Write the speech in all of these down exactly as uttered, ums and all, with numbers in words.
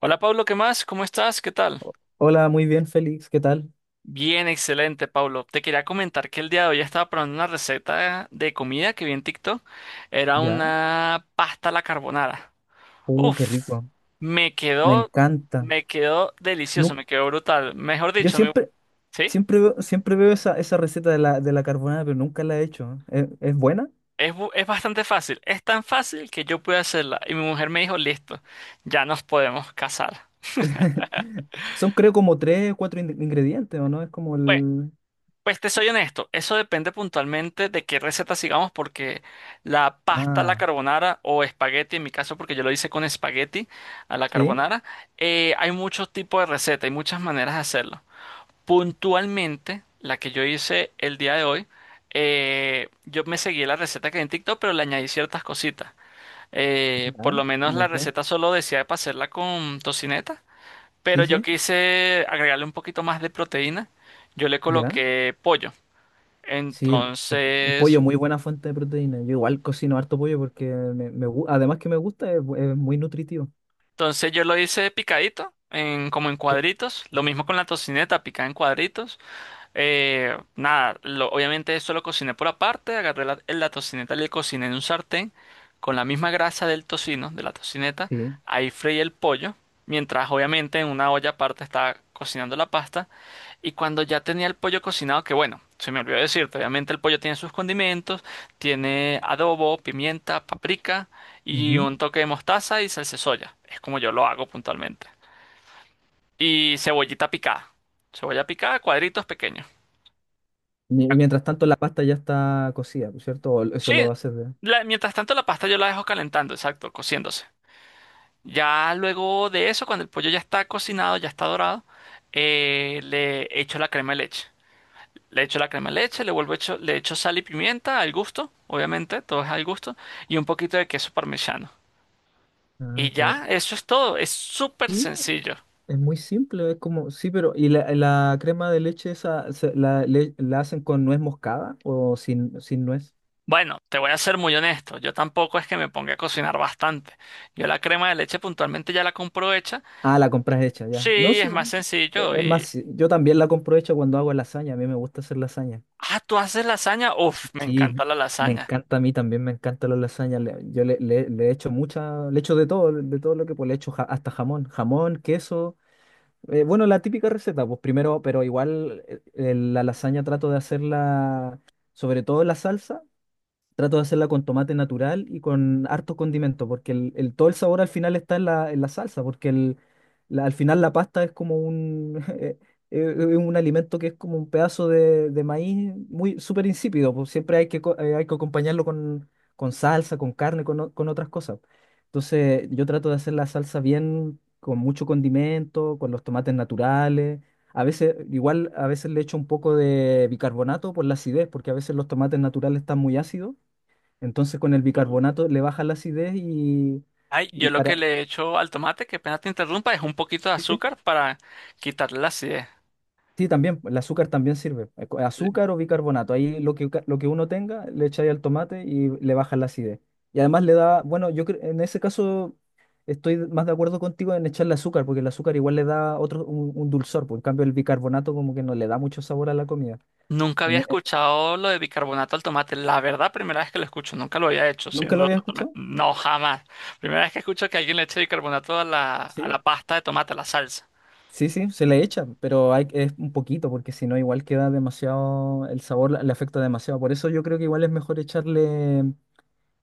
Hola Pablo, ¿qué más? ¿Cómo estás? ¿Qué tal? Hola, muy bien, Félix, ¿qué tal? Bien, excelente, Pablo. Te quería comentar que el día de hoy estaba probando una receta de comida que vi en TikTok. Era ¿Ya? una pasta a la carbonara. Uh, qué Uf, rico, me me quedó, encanta. me quedó delicioso, Nu- me quedó brutal. Mejor yo dicho, mi- siempre, sí, siempre veo, siempre veo esa, esa receta de la, de la carbonara, pero nunca la he hecho. ¿Es, es buena? es, bu- es bastante fácil. Es tan fácil que yo pude hacerla. Y mi mujer me dijo, listo, ya nos podemos casar. Son creo como tres o cuatro in- ingredientes, ¿o no? Es como Bueno, el... Pues te soy honesto, eso depende puntualmente de qué receta sigamos, porque la pasta a la Ah, carbonara o espagueti, en mi caso, porque yo lo hice con espagueti a la sí, carbonara, eh, hay muchos tipos de recetas, hay muchas maneras de hacerlo. Puntualmente, la que yo hice el día de hoy, eh, yo me seguí la receta que hay en TikTok, pero le añadí ciertas cositas. Eh, por ya, lo menos ¿cómo la qué? receta solo decía para hacerla con tocineta, pero Sí, yo sí, quise agregarle un poquito más de proteína. Yo le ya. coloqué pollo. Sí, el, el- el Entonces, pollo, muy buena fuente de proteína. Yo igual cocino harto pollo porque me, me gu- además que me gusta, es, bu- es muy nutritivo. entonces yo lo hice picadito, en, como en Sí, cuadritos. Lo mismo con la tocineta, picada en cuadritos. Eh, nada, lo- obviamente esto lo cociné por aparte. Agarré la, la tocineta, le cociné en un sartén con la misma grasa del tocino, de la tocineta. sí. Ahí freí el pollo, mientras obviamente en una olla aparte estaba cocinando la pasta. Y cuando ya tenía el pollo cocinado, que bueno, se me olvidó decirte, obviamente el pollo tiene sus condimentos, tiene adobo, pimienta, paprika y Ujú. un toque de mostaza y salsa de soya. Es como yo lo hago puntualmente. Y cebollita picada. Cebolla picada, cuadritos pequeños. Mi- Ya- Y mientras tanto la pasta ya está cocida, ¿no es cierto? O eso Sí, lo haces de... la- mientras tanto la pasta yo la dejo calentando, exacto, cociéndose. Ya luego de eso, cuando el pollo ya está cocinado, ya está dorado, eh, le echo la crema de leche. Le echo la crema de leche, le vuelvo echo, le echo sal y pimienta al gusto, obviamente, todo es al gusto, y un poquito de queso parmesano. Ah, Y qué... ya, eso es todo, es súper Sí, sencillo. es muy simple, es como... Sí, pero... ¿Y la, la crema de leche esa se- la, le- la hacen con nuez moscada o sin, sin nuez? Bueno, te voy a ser muy honesto, yo tampoco es que me ponga a cocinar bastante. Yo la crema de leche puntualmente ya la compro hecha. Ah, la compras hecha, ya. No, Sí, sí. es más bu- e- sencillo Es más, y... sí, yo también la compro hecha cuando hago lasaña, a mí me gusta hacer lasaña. Ah, ¿tú haces lasaña? Uf, me Sí, encanta la me lasaña. encanta, a mí también me encanta la lasaña. le- yo le, le, le echo mucha... Le echo de todo, de todo lo que... Pues le echo ja- hasta jamón, jamón, queso. Eh, bueno, la típica receta, pues primero, pero igual eh, eh, la lasaña trato de hacerla, sobre todo la salsa. Trato de hacerla con tomate natural y con hartos condimentos, porque el, el- todo el sabor al final está en la, en la salsa, porque el, la- al final la pasta es como un, eh, eh, un alimento que es como un pedazo de, de maíz muy súper insípido. Pues siempre hay que, co- eh, hay que acompañarlo con, con salsa, con carne, con, o- con otras cosas. Entonces yo trato de hacer la salsa bien, con mucho condimento, con los tomates naturales. A veces, igual, a veces le echo un poco de bicarbonato por la acidez, porque a veces los tomates naturales están muy ácidos, entonces con el Mm. bicarbonato le baja la acidez y, Ay, y yo lo que para... le echo al tomate, que pena te interrumpa, es un poquito de Sí, sí. azúcar para quitarle la acidez. Sí, también, el azúcar también sirve. eh, co- Azúcar o bicarbonato. Ahí lo que, ca- lo que uno tenga, le echáis al tomate y le baja la acidez. Y además le da, bueno, yo cre- en ese caso estoy más de acuerdo contigo en echarle azúcar, porque el azúcar igual le da otro, un, un dulzor, por en cambio el bicarbonato como que no le da mucho sabor a la comida. Nunca En- había eh, escuchado lo de bicarbonato al tomate. La verdad, primera vez que lo escucho. Nunca lo había hecho, ¿Nunca lo siendo había totalmente... escuchado? No, jamás. Primera vez que escucho que alguien le eche bicarbonato a la, a Sí. la pasta de tomate, a la salsa. Sí, sí, se le echa, pero hay, es un poquito, porque si no, igual queda demasiado, el sabor la- le afecta demasiado. Por eso yo creo que igual es mejor echarle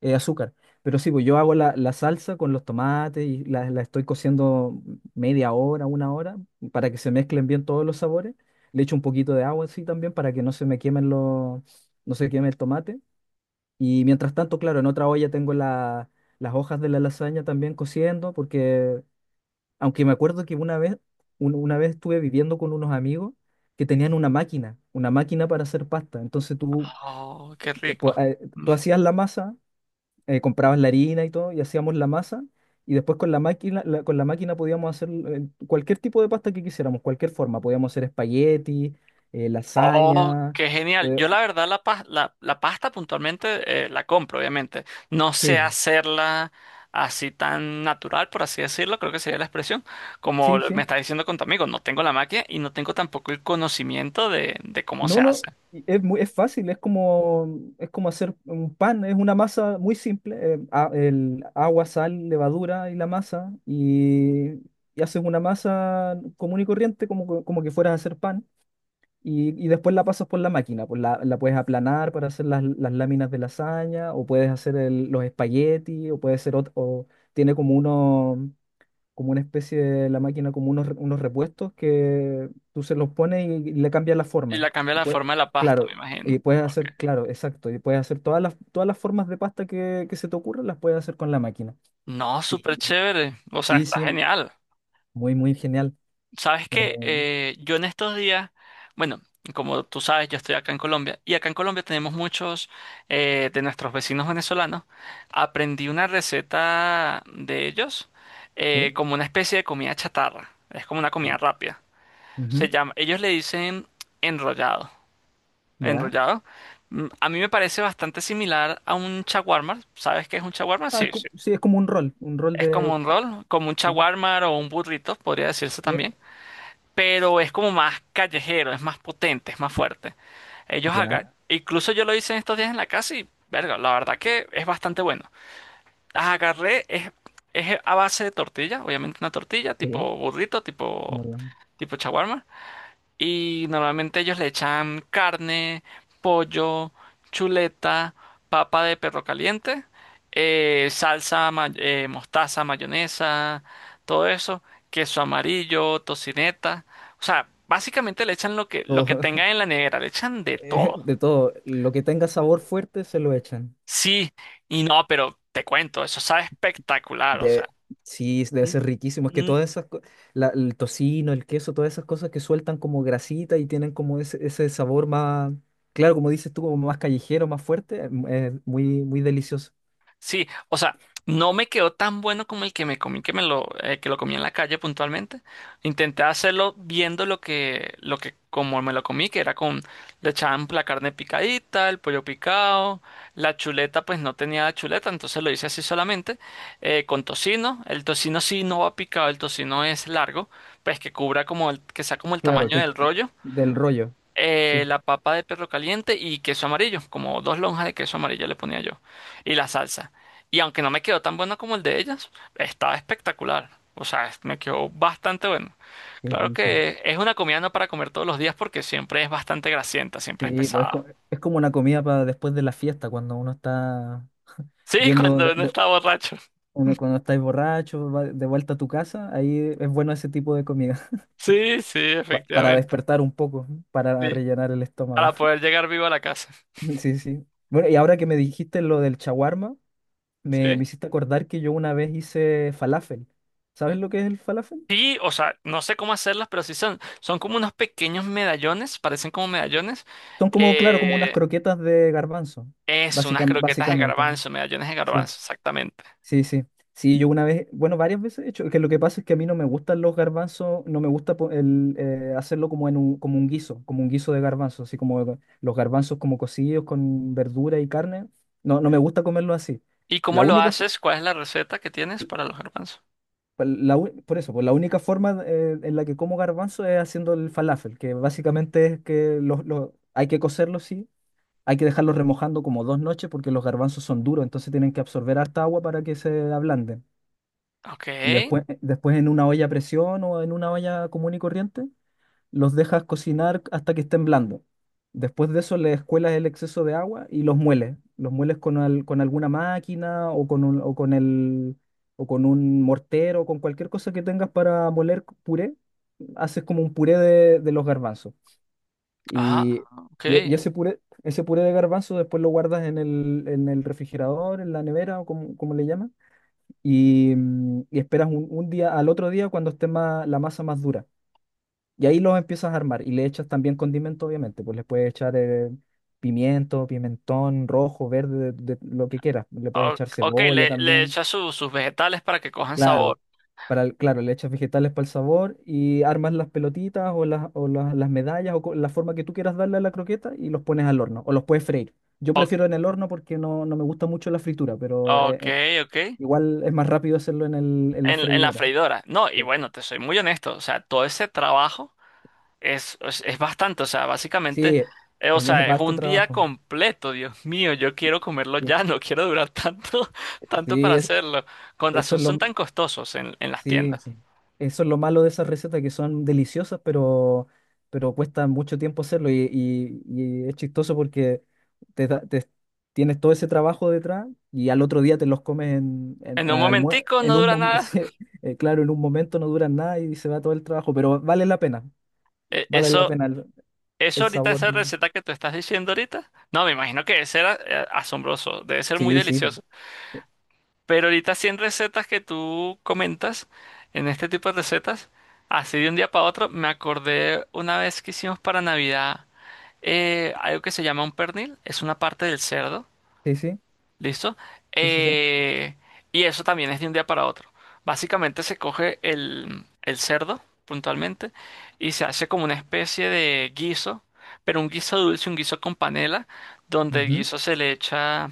eh, azúcar. Pero sí, pues yo hago la, la salsa con los tomates y la, la estoy cociendo media hora, una hora, para que se mezclen bien todos los sabores. Le echo un poquito de agua así también para que no se me quemen los, no se queme el tomate. Y mientras tanto, claro, en otra olla tengo la- las hojas de la lasaña también cociendo. Porque aunque me acuerdo que una vez, un- una vez estuve viviendo con unos amigos que tenían una máquina, una máquina para hacer pasta. Entonces tú, Oh, qué eh, po- rico. eh, tú hacías la masa, eh, comprabas la harina y todo, y hacíamos la masa, y después con la máquina, la- con la máquina podíamos hacer eh, cualquier tipo de pasta que quisiéramos, cualquier forma. Podíamos hacer espagueti, eh, Oh, lasaña. qué genial. pode- Yo la verdad la, pas- la, la pasta puntualmente eh, la compro, obviamente. No Sí, sé hacerla así tan natural, por así decirlo, creo que sería la expresión. Como sí, me sí. está diciendo con tu amigo, no tengo la máquina y no tengo tampoco el conocimiento de, de cómo se No, no, hace. y es muy, es fácil, es como, es como hacer un pan, es una masa muy simple, eh, a- el agua, sal, levadura y la masa, y, y haces una masa común y corriente como, co- como que fueras a hacer pan, y, y después la pasas por la máquina, pues la, la puedes aplanar para hacer las, las láminas de lasaña, o puedes hacer el- los espaguetis, o puede ser ot- o tiene como uno como una especie de la máquina, como unos, unos repuestos que tú se los pones y, y le cambias la Y forma. la cambia Y la pue- forma de la pasta, claro, me imagino. y puedes Ok. hacer, claro, exacto, y puedes hacer todas las, todas las formas de pasta que, que se te ocurran, las puedes hacer con la máquina. No, Y súper chévere. O sea, sí, está sí, genial. muy, muy genial. Sabes Eh, que yo en estos días, bueno, como tú sabes, yo estoy acá en Colombia y acá en Colombia tenemos muchos eh, de nuestros vecinos venezolanos. Aprendí una receta de ellos eh, sí, como una especie de comida chatarra. Es como una comida y- rápida. Se ujú, llama, ellos le dicen enrollado. ya. Enrollado. Mm, A mí me parece bastante similar a un chaguarma. ¿Sabes qué es un chaguarma? Ah, es Sí, co- sí. sí, es como un rol, un rol Es de... como un rol, como un sí, shawarma o un burrito, podría decirse sí, también. Pero es como más callejero, es más potente, es más fuerte. Ellos ya, acá, incluso yo lo hice en estos días en la casa y, verga, la verdad que es bastante bueno. Las agarré, es, es a base de tortilla, obviamente una tortilla, sí, tipo burrito, tipo, como la- tipo shawarma. Y normalmente ellos le echan carne, pollo, chuleta, papa de perro caliente, eh, salsa, ma- eh, mostaza, mayonesa, todo eso, queso amarillo, tocineta. O sea, básicamente le echan lo que, lo todo, que tengan en la nevera, le echan de eh, todo. de todo, lo que tenga sabor fuerte se lo echan. Sí, y no, pero te cuento, eso sabe espectacular, o sea. De Sí, debe ser riquísimo. Es que Mm, todas esas, co- la- el tocino, el queso, todas esas cosas que sueltan como grasita y tienen como ese, ese sabor más, claro, como dices tú, como más callejero, más fuerte. Mm, es muy, muy delicioso. sí, o sea, no me quedó tan bueno como el que me comí, que me lo, eh, que lo comí en la calle puntualmente. Intenté hacerlo viendo lo que, lo que, como me lo comí, que era con, le echaban la carne picadita, el pollo picado, la chuleta, pues no tenía chuleta, entonces lo hice así solamente, eh, con tocino. El tocino sí no va picado, el tocino es largo, pues que cubra como el, que sea como el Claro, tamaño que del rollo del rollo. eh, Sí, la papa de perro caliente y queso amarillo, como dos lonjas de queso amarillo le ponía yo, y la salsa. Y aunque no me quedó tan bueno como el de ellas, estaba espectacular. O sea, es- me quedó bastante bueno. qué Claro rico. que es una comida no para comer todos los días porque siempre es bastante grasienta, siempre es Sí, pues es, pesada. co- es como una comida para después de la fiesta, cuando uno está Sí, yendo, cuando de, uno de- está borracho. uno- cuando estáis borracho, va de vuelta a tu casa, ahí es bueno ese tipo de comida, Sí, sí, pa- para efectivamente. despertar un poco, para Sí. rellenar el estómago. Para poder llegar vivo a la casa. Sí, sí. Bueno, y ahora que me dijiste lo del chaguarma, me, Sí. me hiciste acordar que yo una vez hice falafel. ¿Sabes lo que es el falafel? Sí, o sea, no sé cómo hacerlas, pero sí son, son como unos pequeños medallones, parecen como medallones, Son como, claro, como unas eh, croquetas de garbanzo, es unas básica- croquetas de básicamente. garbanzo, medallones de Sí, garbanzo, exactamente. sí, sí. Sí, yo una vez, bueno, varias veces he hecho, que lo que pasa es que a mí no me gustan los garbanzos, no me gusta po- el, eh, hacerlo como en un, como un guiso, como un guiso de garbanzos, así como los garbanzos como cocidos con verdura y carne. No, no me gusta comerlo así. ¿Y La cómo lo única, fo- haces? ¿Cuál es la receta que tienes para los garbanzos? pa- la u- por eso, pues la única forma eh, en la que como garbanzo es haciendo el falafel, que básicamente es que los, los- hay que cocerlos, sí, hay que dejarlos remojando como dos noches porque los garbanzos son duros, entonces tienen que absorber harta agua para que se ablanden. Ok, Y después, después en una olla a presión o en una olla común y corriente, los dejas cocinar hasta que estén blandos. Después de eso le escuelas el exceso de agua y los mueles. Los mueles con, al- con alguna máquina o con un, o con el, o con un mortero, con cualquier cosa que tengas para moler puré. Haces como un puré de, de los garbanzos. ah, Y, ok. y e- y ese puré, ese puré de garbanzo después lo guardas en el, en el refrigerador, en la nevera o como, como le llaman. Y, mm, y esperas un, un día, al otro día cuando esté más, la masa más dura. Y ahí los empiezas a armar y le echas también condimento, obviamente, pues le puedes echar eh, pimiento, pimentón rojo, verde, de, de lo que quieras. Le puedes O- echar Ok, cebolla le, le también, echas su- sus vegetales para que cojan claro. sabor. Para el- claro, le echas vegetales para el sabor y armas las pelotitas o las, o las, las medallas o co- la forma que tú quieras darle a la croqueta y los pones al horno o los puedes freír. Yo O- prefiero en el horno porque no, no me gusta mucho la fritura, pero eh, ok, eh, ok. igual es más rápido hacerlo en el, en la En, en la freidora. freidora. No, y Sí, bueno, te soy muy honesto, o sea, todo ese trabajo. Es, es, es bastante, o sea, básicamente, sí, es, eh, o sea, es es harto un día trabajo. completo, Dios mío, yo quiero comerlo Sí, ya, no quiero durar tanto, tanto para sí, es- hacerlo. Con eso razón es son lo... tan costosos en, en las Sí, tiendas. eso es lo malo de esas recetas que son deliciosas, pero, pero cuesta mucho tiempo hacerlo y, y- y es chistoso porque te, da- te- tienes todo ese trabajo detrás y al otro día te los comes en, en, En un al almuer- momentico en no un dura mom- nada. sí, eh, claro, en un momento no duran nada y se va todo el trabajo, pero vale la pena, Eh, vale la eso, pena el, eso el ahorita, sabor. esa receta que tú estás diciendo ahorita, no, me imagino que debe ser a- eh, asombroso, debe ser muy Sí, sí, delicioso. Pero ahorita cien recetas que tú comentas, en este tipo de recetas, así de un día para otro, me acordé una vez que hicimos para Navidad. Eh, algo que se llama un pernil, es una parte del cerdo, sí, sí, ¿listo? sí, sí, sí. Eh, y eso también es de un día para otro. Básicamente se coge el, el cerdo, puntualmente, y se hace como una especie de guiso, pero un guiso dulce, un guiso con panela, donde el Ujú, guiso se le echa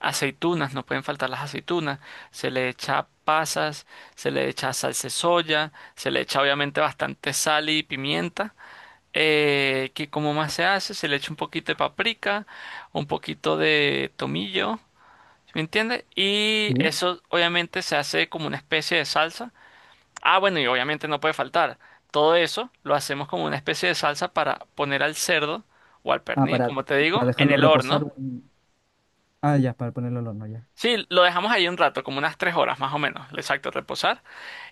aceitunas, no pueden faltar las aceitunas, se le echa pasas, se le echa salsa de soya, se le echa obviamente bastante sal y pimienta eh, que como más se hace, se le echa un poquito de paprika, un poquito de tomillo, ¿sí? ¿Me entiendes? Y sí. eso obviamente se hace como una especie de salsa. Ah, bueno, y obviamente no puede faltar. Todo eso lo hacemos como una especie de salsa para poner al cerdo o al Ah, pernil, para, como te digo, para en dejarlo el horno. reposar. un- Ah, ya, para ponerlo al horno, ya. Sí, lo dejamos ahí un rato, como unas tres horas más o menos, exacto, reposar.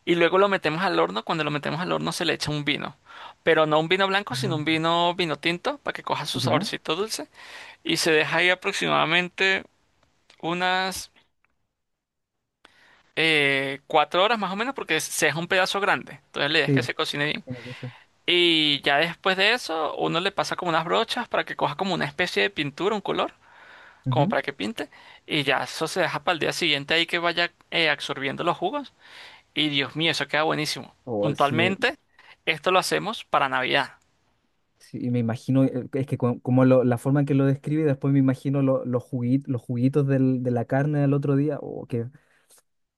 Y luego lo metemos al horno. Cuando lo metemos al horno se le echa un vino, pero no un vino blanco, sino Mm. un vino vino tinto para que coja su ¿Ya? saborcito dulce. Y se deja ahí aproximadamente unas eh, cuatro horas más o menos porque se deja un pedazo grande. Entonces la idea es Sí, que se cocine bien. tiene que ser. Y ya después de eso, uno le pasa como unas brochas para que coja como una especie de pintura, un color, como Ujú. para que pinte. Y ya eso se deja para el día siguiente ahí que vaya eh, absorbiendo los jugos. Y Dios mío, eso queda buenísimo. Oh, sí, Puntualmente, esto lo hacemos para Navidad. sí, me imagino, eh, es que co- como lo- la forma en que lo describe, después me imagino lo- los jugui- los juguitos del- de la carne del otro día, o que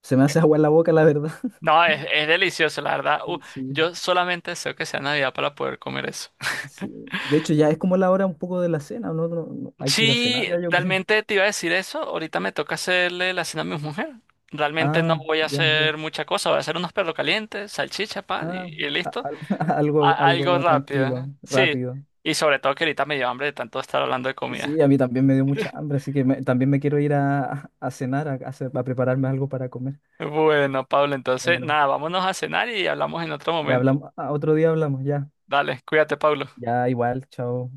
se me hace agua en la boca, la verdad. No, es, es delicioso, la verdad. Uh, Sí, Yo solamente deseo que sea Navidad para poder comer eso. sí. De hecho, ya es como la hora un poco de la cena, ¿no? No- no, hay que ir a cenar Sí, ya, yo creo. realmente te iba a decir eso. Ahorita me toca hacerle la cena a mi mujer. Realmente no Ah, voy a ya, ya. hacer mucha cosa. Voy a hacer unos perros calientes, salchicha, pan y, Ah, y a- listo. al- algo, A- algo algo tranquilo, rápido. Sí. rápido. Y sobre todo que ahorita me dio hambre de tanto estar hablando de comida. Sí, a mí también me dio mucha hambre, así que me- también me quiero ir a, a cenar, a, a hacer- a prepararme algo para comer. Bueno, Pablo, entonces Bueno, nada, vámonos a cenar y hablamos en otro ya momento. hablamos, a- otro día hablamos, ya. Dale, cuídate, Pablo. Ya, igual, chao.